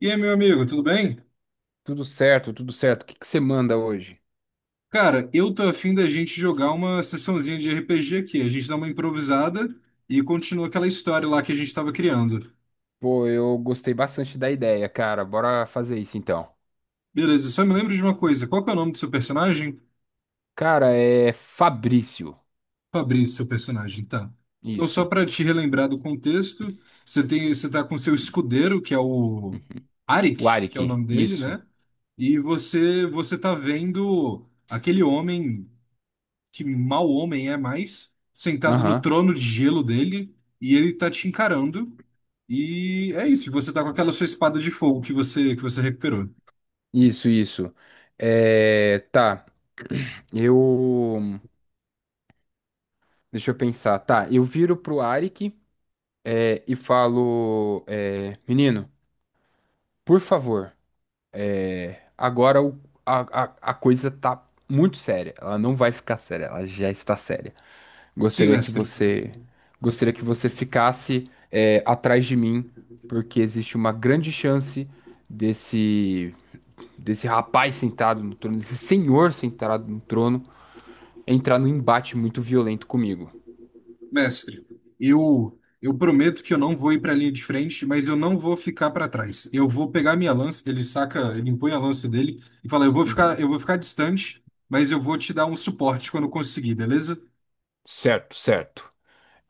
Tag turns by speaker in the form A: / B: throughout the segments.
A: E aí, meu amigo, tudo bem?
B: Tudo certo, tudo certo. O que que você manda hoje?
A: Cara, eu tô afim da gente jogar uma sessãozinha de RPG aqui. A gente dá uma improvisada e continua aquela história lá que a gente tava criando.
B: Pô, eu gostei bastante da ideia, cara. Bora fazer isso então.
A: Beleza, só me lembro de uma coisa. Qual que é o nome do seu personagem?
B: Cara, é Fabrício.
A: Fabrício, seu personagem, tá. Então, só
B: Isso.
A: pra te relembrar do contexto, você tá com seu escudeiro, que é o
B: O
A: Arik, que é o
B: Arik.
A: nome dele, né?
B: Isso.
A: E você tá vendo aquele homem que mal homem é mais, sentado no
B: Aham.
A: trono de gelo dele, e ele tá te encarando. E é isso, e você tá com aquela sua espada de fogo que você recuperou.
B: Isso, isso. É. Tá. Eu. Deixa eu pensar. Tá, eu viro pro Arik e falo: Menino, por favor, agora a coisa tá muito séria. Ela não vai ficar séria, ela já está séria.
A: Sim,
B: Gostaria que
A: mestre.
B: você, gostaria que você ficasse atrás de mim, porque existe uma grande chance desse desse rapaz sentado no trono, desse senhor sentado no trono, entrar num embate muito violento comigo.
A: Mestre, eu eu prometo que eu não vou ir para a linha de frente, mas eu não vou ficar para trás. Eu vou pegar minha lança, ele saca, ele impõe a lança dele e fala:
B: Uhum.
A: eu vou ficar distante, mas eu vou te dar um suporte quando conseguir, beleza?"
B: Certo, certo.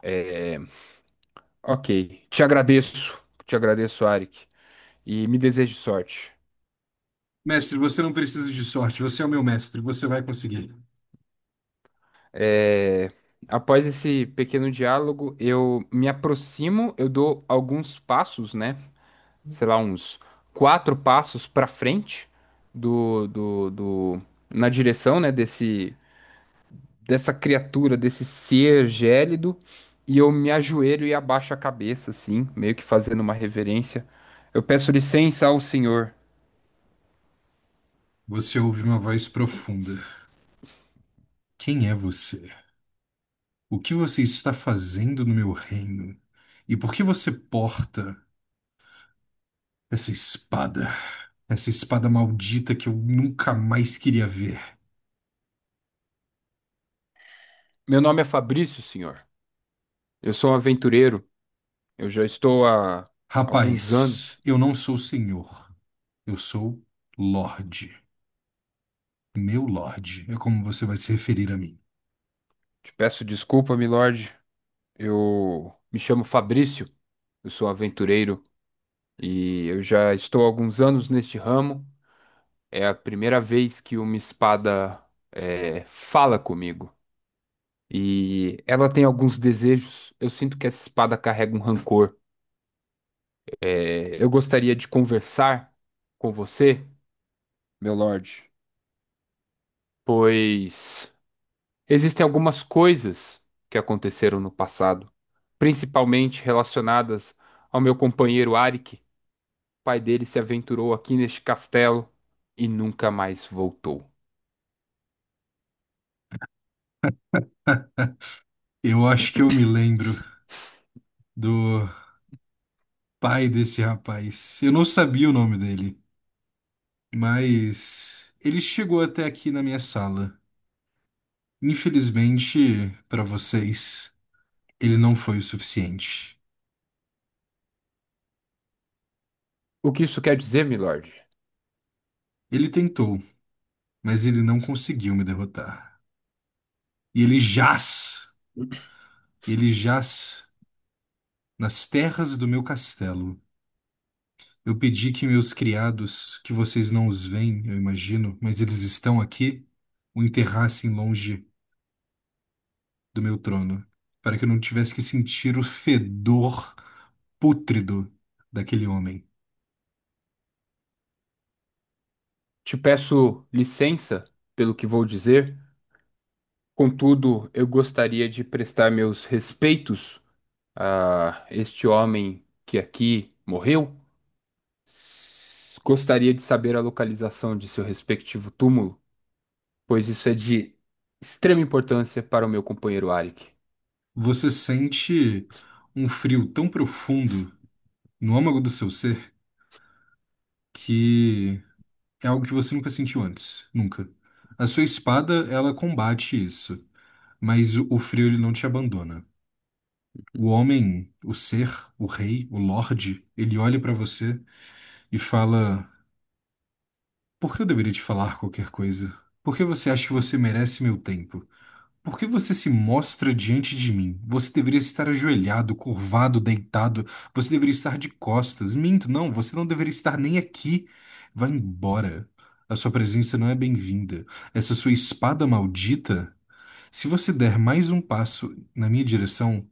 B: É, ok. Te agradeço, Arik, e me desejo sorte.
A: Mestre, você não precisa de sorte, você é o meu mestre, você vai conseguir.
B: É, após esse pequeno diálogo, eu me aproximo, eu dou alguns passos, né? Sei lá, uns quatro passos para frente do, do, do, na direção, né, dessa criatura, desse ser gélido, e eu me ajoelho e abaixo a cabeça, assim, meio que fazendo uma reverência. Eu peço licença ao senhor.
A: Você ouve uma voz profunda. Quem é você? O que você está fazendo no meu reino? E por que você porta essa espada? Essa espada maldita que eu nunca mais queria ver.
B: Meu nome é Fabrício, senhor. Eu sou um aventureiro. Eu já estou há alguns anos.
A: Rapaz, eu não sou senhor, eu sou Lorde. Meu Lorde é como você vai se referir a mim.
B: Te peço desculpa, milord. Eu me chamo Fabrício. Eu sou aventureiro e eu já estou há alguns anos neste ramo. É a primeira vez que uma espada fala comigo. E ela tem alguns desejos. Eu sinto que essa espada carrega um rancor. Eu gostaria de conversar com você, meu Lorde, pois existem algumas coisas que aconteceram no passado, principalmente relacionadas ao meu companheiro Arik. O pai dele se aventurou aqui neste castelo e nunca mais voltou.
A: Eu acho que eu me lembro do pai desse rapaz. Eu não sabia o nome dele. Mas ele chegou até aqui na minha sala. Infelizmente, para vocês, ele não foi o suficiente.
B: O que isso quer dizer, meu Lorde?
A: Ele tentou, mas ele não conseguiu me derrotar. E ele jaz nas terras do meu castelo. Eu pedi que meus criados, que vocês não os veem, eu imagino, mas eles estão aqui, o enterrassem longe do meu trono, para que eu não tivesse que sentir o fedor pútrido daquele homem.
B: Te peço licença pelo que vou dizer, contudo, eu gostaria de prestar meus respeitos a este homem que aqui morreu. Gostaria de saber a localização de seu respectivo túmulo, pois isso é de extrema importância para o meu companheiro Arik.
A: Você sente um frio tão profundo no âmago do seu ser que é algo que você nunca sentiu antes, nunca. A sua espada, ela combate isso, mas o frio ele não te abandona. O homem, o ser, o rei, o lorde, ele olha pra você e fala: "Por que eu deveria te falar qualquer coisa? Por que você acha que você merece meu tempo?" Por que você se mostra diante de mim? Você deveria estar ajoelhado, curvado, deitado. Você deveria estar de costas. Minto, não, você não deveria estar nem aqui. Vá embora. A sua presença não é bem-vinda. Essa sua espada maldita. Se você der mais um passo na minha direção,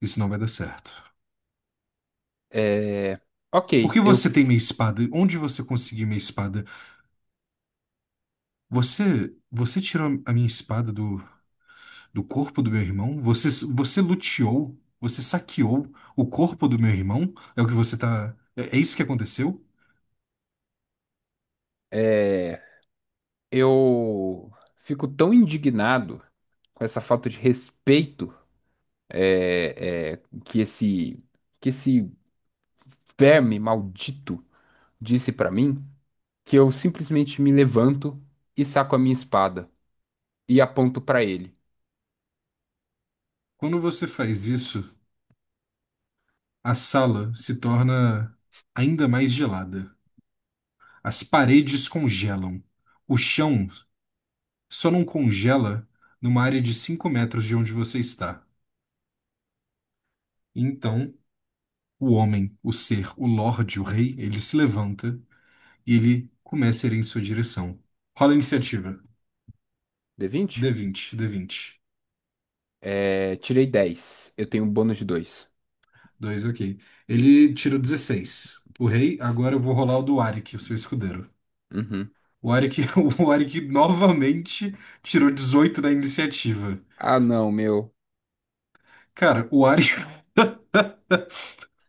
A: isso não vai dar certo.
B: É...
A: Por que
B: Ok,
A: você tem minha espada? Onde você conseguiu minha espada? Você tirou a minha espada do do corpo do meu irmão? Você luteou? Você saqueou o corpo do meu irmão? É o que você tá. É isso que aconteceu?
B: é, eu fico tão indignado com essa falta de respeito é, é, que esse que esse verme maldito disse para mim que eu simplesmente me levanto e saco a minha espada e aponto para ele.
A: Quando você faz isso, a sala se torna ainda mais gelada. As paredes congelam. O chão só não congela numa área de 5 metros de onde você está. Então, o homem, o ser, o lorde, o rei, ele se levanta e ele começa a ir em sua direção. Rola a iniciativa.
B: D20?
A: D vinte. D vinte.
B: Tirei 10. Eu tenho um bônus de dois.
A: Dois, ok. Ele tirou 16. O rei, agora eu vou rolar o do Arik, o seu escudeiro.
B: Uhum.
A: O Arik, o Arik novamente tirou 18 da iniciativa.
B: Ah, não, meu.
A: Cara,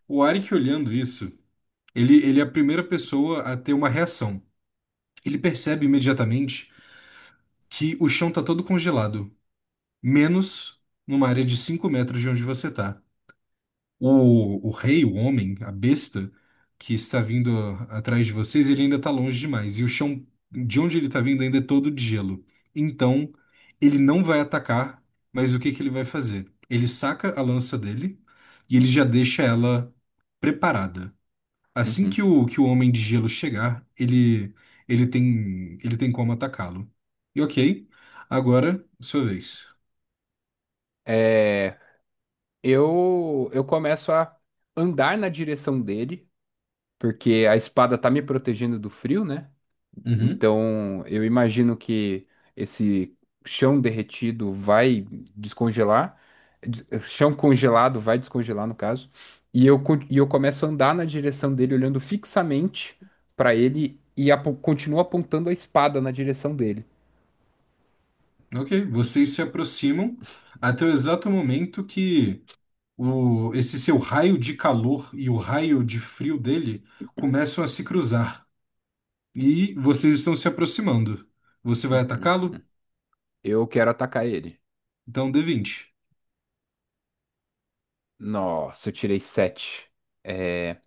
A: o Arik olhando isso, ele é a primeira pessoa a ter uma reação. Ele percebe imediatamente que o chão tá todo congelado, menos numa área de 5 metros de onde você tá. O rei, o homem, a besta que está vindo atrás de vocês, ele ainda está longe demais. E o chão de onde ele está vindo ainda é todo de gelo. Então, ele não vai atacar, mas o que que ele vai fazer? Ele saca a lança dele e ele já deixa ela preparada. Assim que
B: Uhum.
A: o, que o homem de gelo chegar, ele, ele tem como atacá-lo. E ok, agora, sua vez.
B: É, eu começo a andar na direção dele, porque a espada tá me protegendo do frio, né? Então, eu imagino que esse chão derretido vai descongelar, chão congelado vai descongelar, no caso, e eu começo a andar na direção dele, olhando fixamente para ele e continuo apontando a espada na direção dele.
A: Ok, vocês se aproximam até o exato momento que esse seu raio de calor e o raio de frio dele começam a se cruzar. E vocês estão se aproximando. Você vai
B: Uhum.
A: atacá-lo?
B: Eu quero atacar ele.
A: Então d vinte.
B: Nossa, eu tirei sete. É,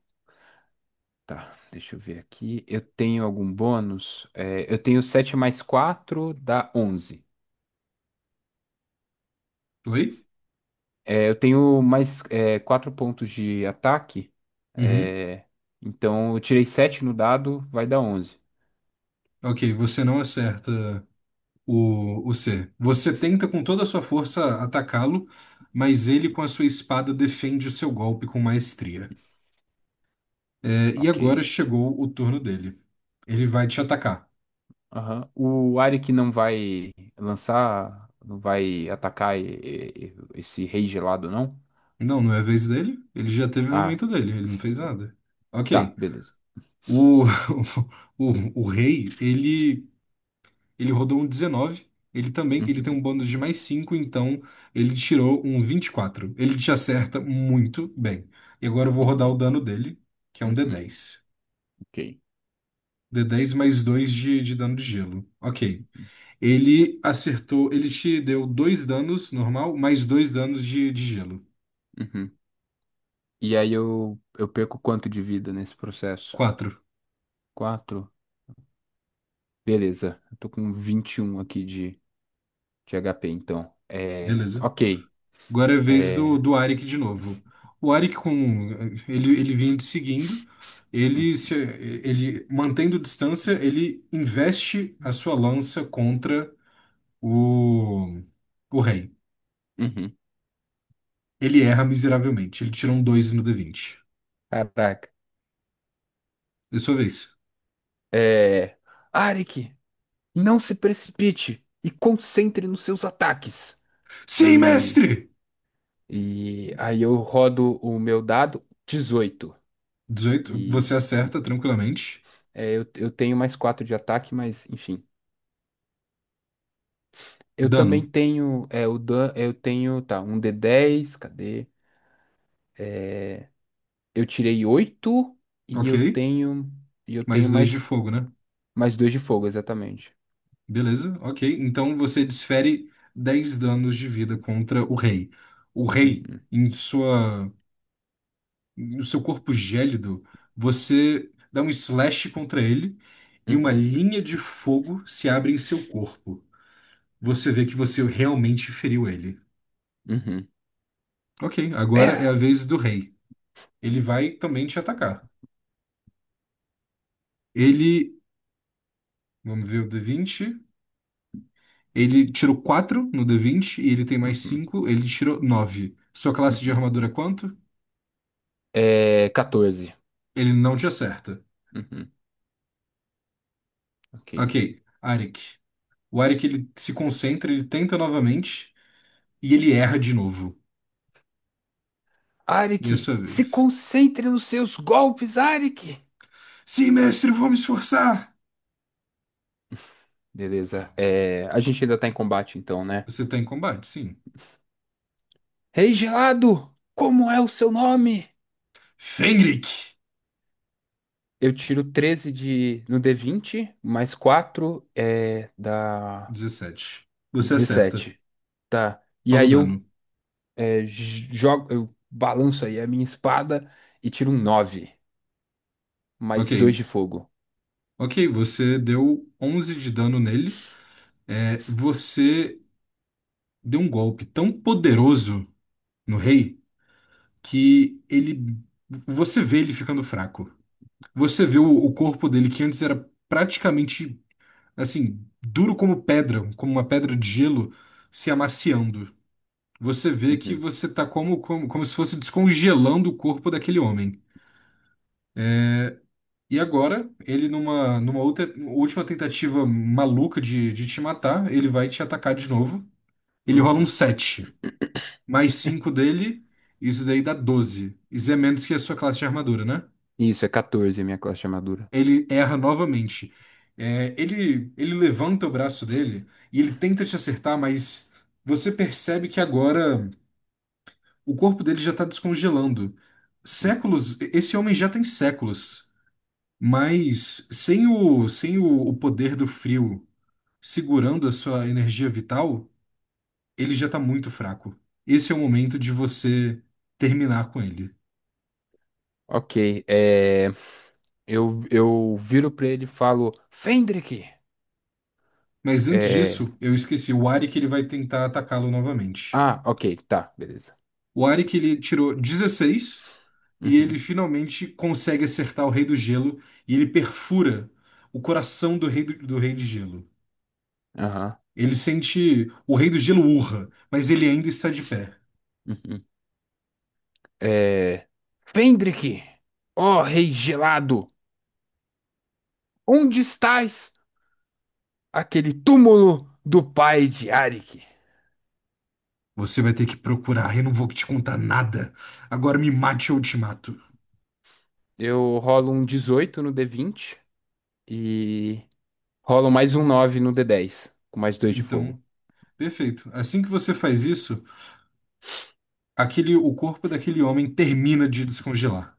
B: tá, deixa eu ver aqui. Eu tenho algum bônus? Eu tenho sete mais quatro dá 11.
A: Oi?
B: Eu tenho mais quatro pontos de ataque.
A: Uhum.
B: É, então eu tirei sete no dado, vai dar 11.
A: Ok, você não acerta o C. Você tenta com toda a sua força atacá-lo, mas ele com a sua espada defende o seu golpe com maestria. É, e
B: Ok.
A: agora chegou o turno dele. Ele vai te atacar.
B: Aham. O Arik não vai lançar, não vai atacar esse rei gelado, não?
A: Não, não é a vez dele. Ele já teve o
B: Ah,
A: momento dele, ele não fez nada.
B: tá,
A: Ok.
B: beleza.
A: O, o, o rei, ele rodou um 19. Ele também, ele tem um
B: Uhum,
A: bônus de mais 5. Então ele tirou um 24. Ele te acerta muito bem. E agora eu vou rodar o
B: uhum,
A: dano dele, que é um d
B: uhum,
A: dez.
B: ok.
A: D dez mais 2 de dano de gelo. Ok. Ele acertou, ele te deu dois danos normal, mais dois danos de gelo.
B: Uhum. E aí eu perco quanto de vida nesse processo?
A: 4.
B: Quatro? Beleza. Eu tô com 21 aqui de HP, então. É,
A: Beleza.
B: ok.
A: Agora é a vez do,
B: É,
A: do Arik de novo. O Arik com ele, ele vinha te seguindo, ele se, ele mantendo distância, ele investe a sua lança contra o o rei.
B: Uhum.
A: Ele erra miseravelmente. Ele tirou um 2 no d vinte.
B: Caraca.
A: É sua vez.
B: É. Arik, não se precipite e concentre nos seus ataques.
A: Sim,
B: E,
A: mestre!
B: e aí eu rodo o meu dado 18.
A: 18 você
B: E
A: acerta tranquilamente.
B: eu tenho mais 4 de ataque, mas enfim. Eu também
A: Dano,
B: tenho o dan eu tenho, tá, um d10, cadê? Eu tirei 8 e
A: ok?
B: eu
A: Mais
B: tenho
A: dois de
B: mais
A: fogo, né?
B: mais 2 de fogo, exatamente.
A: Beleza, ok. Então você desfere 10 danos de vida contra o rei. O rei,
B: Uhum,
A: em sua, no seu corpo gélido, você dá um slash contra ele e uma
B: uhum,
A: linha de fogo se abre em seu corpo. Você vê que você realmente feriu ele.
B: uhum.
A: Ok, agora
B: É.
A: é a vez do rei. Ele vai também te atacar. Ele, vamos ver o D20. Ele tirou 4 no D20 e ele tem mais
B: Uhum,
A: 5. Ele tirou 9. Sua classe de
B: uhum.
A: armadura é quanto?
B: É 14.
A: Ele não te acerta.
B: Uhum, ok.
A: Ok, Arik. O Arik ele se concentra, ele tenta novamente e ele erra de novo. E é a
B: Arik,
A: sua
B: se
A: vez.
B: concentre nos seus golpes, Arik!
A: Sim, mestre, vou me esforçar.
B: Beleza. A gente ainda tá em combate, então, né?
A: Você tá em combate, sim.
B: Rei Gelado, como é o seu nome?
A: Fenrik!
B: Eu tiro 13 no d20 mais 4 dá
A: 17. Você acerta.
B: 17. Tá. E
A: Rola o
B: aí eu
A: dano.
B: jogo, eu balanço aí a minha espada e tiro um 9
A: Ok.
B: mais 2 de fogo.
A: Ok, você deu 11 de dano nele. É, você deu um golpe tão poderoso no rei que ele. Você vê ele ficando fraco. Você vê o corpo dele que antes era praticamente assim, duro como pedra, como uma pedra de gelo se amaciando. Você vê que
B: Uhum,
A: você tá como, como, como se fosse descongelando o corpo daquele homem. E agora, ele numa última tentativa maluca de te matar, ele vai te atacar de novo. Ele rola um
B: uhum.
A: 7, mais 5 dele, isso daí dá 12. Isso é menos que a sua classe de armadura, né?
B: Isso, é 14 a minha classe de armadura.
A: Ele erra novamente. É, ele levanta o braço dele e ele tenta te acertar, mas você percebe que agora o corpo dele já está descongelando. Séculos, esse homem já tem séculos, mas sem o poder do frio segurando a sua energia vital, ele já está muito fraco. Esse é o momento de você terminar com ele.
B: Ok, eu viro pra ele e falo, Fendrick!
A: Mas antes
B: É,
A: disso, eu esqueci o Ari que ele vai tentar atacá-lo novamente.
B: ah, ok, tá, beleza.
A: O Arik, ele tirou 16 e ele
B: Uhum,
A: finalmente consegue acertar o Rei do Gelo e ele perfura o coração do Rei do Rei de Gelo.
B: aham,
A: Ele sente o Rei do Gelo urra, mas ele ainda está de pé.
B: uhum. É, Fendrick! Ó rei gelado, onde estás? Aquele túmulo do pai de Arik.
A: Você vai ter que procurar, eu não vou te contar nada. Agora me mate ou eu te mato.
B: Eu rolo um 18 no d20 e rolo mais um 9 no d10 com mais dois de fogo.
A: Então, perfeito. Assim que você faz isso, aquele o corpo daquele homem termina de descongelar.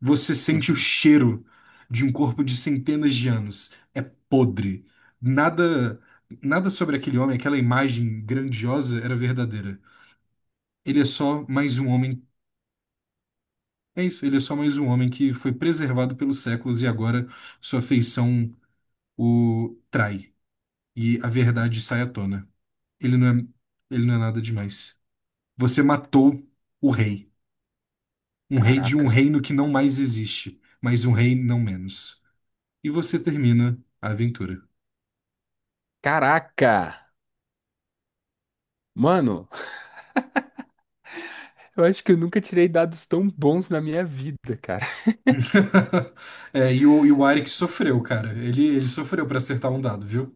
A: Você sente o
B: Uhum.
A: cheiro de um corpo de centenas de anos. É podre. Nada, nada sobre aquele homem, aquela imagem grandiosa era verdadeira. Ele é só mais um homem. É isso, ele é só mais um homem que foi preservado pelos séculos e agora sua feição o trai e a verdade sai à tona. Ele não é, ele não é nada demais. Você matou o rei, um rei de um
B: Caraca.
A: reino que não mais existe, mas um rei não menos. E você termina a aventura.
B: Caraca! Mano, eu acho que eu nunca tirei dados tão bons na minha vida, cara.
A: É, e o Arik sofreu, cara. Ele sofreu pra acertar um dado, viu?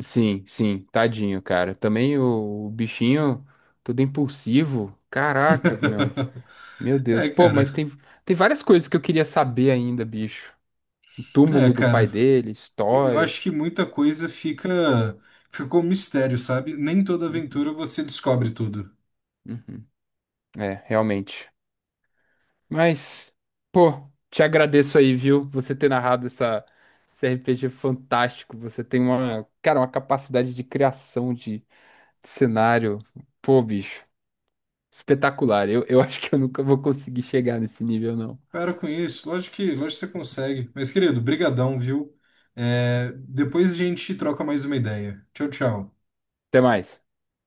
B: Sim, sim, tadinho, cara. Também o bichinho todo impulsivo. Caraca, meu, meu
A: É,
B: Deus. Pô, mas
A: cara.
B: tem várias coisas que eu queria saber ainda, bicho. O
A: É,
B: túmulo do pai
A: cara.
B: dele,
A: Eu
B: história.
A: acho que muita coisa fica ficou um mistério, sabe? Nem toda
B: Hum,
A: aventura você descobre tudo.
B: uhum. É, realmente. Mas, pô, te agradeço aí, viu? Você ter narrado esse RPG fantástico. Você tem uma, cara, uma capacidade de criação de cenário. Pô, bicho. Espetacular. Eu acho que eu nunca vou conseguir chegar nesse nível, não.
A: Para com isso. Lógico que você consegue. Mas, querido, brigadão, viu? É, depois a gente troca mais uma ideia. Tchau, tchau.
B: Até mais.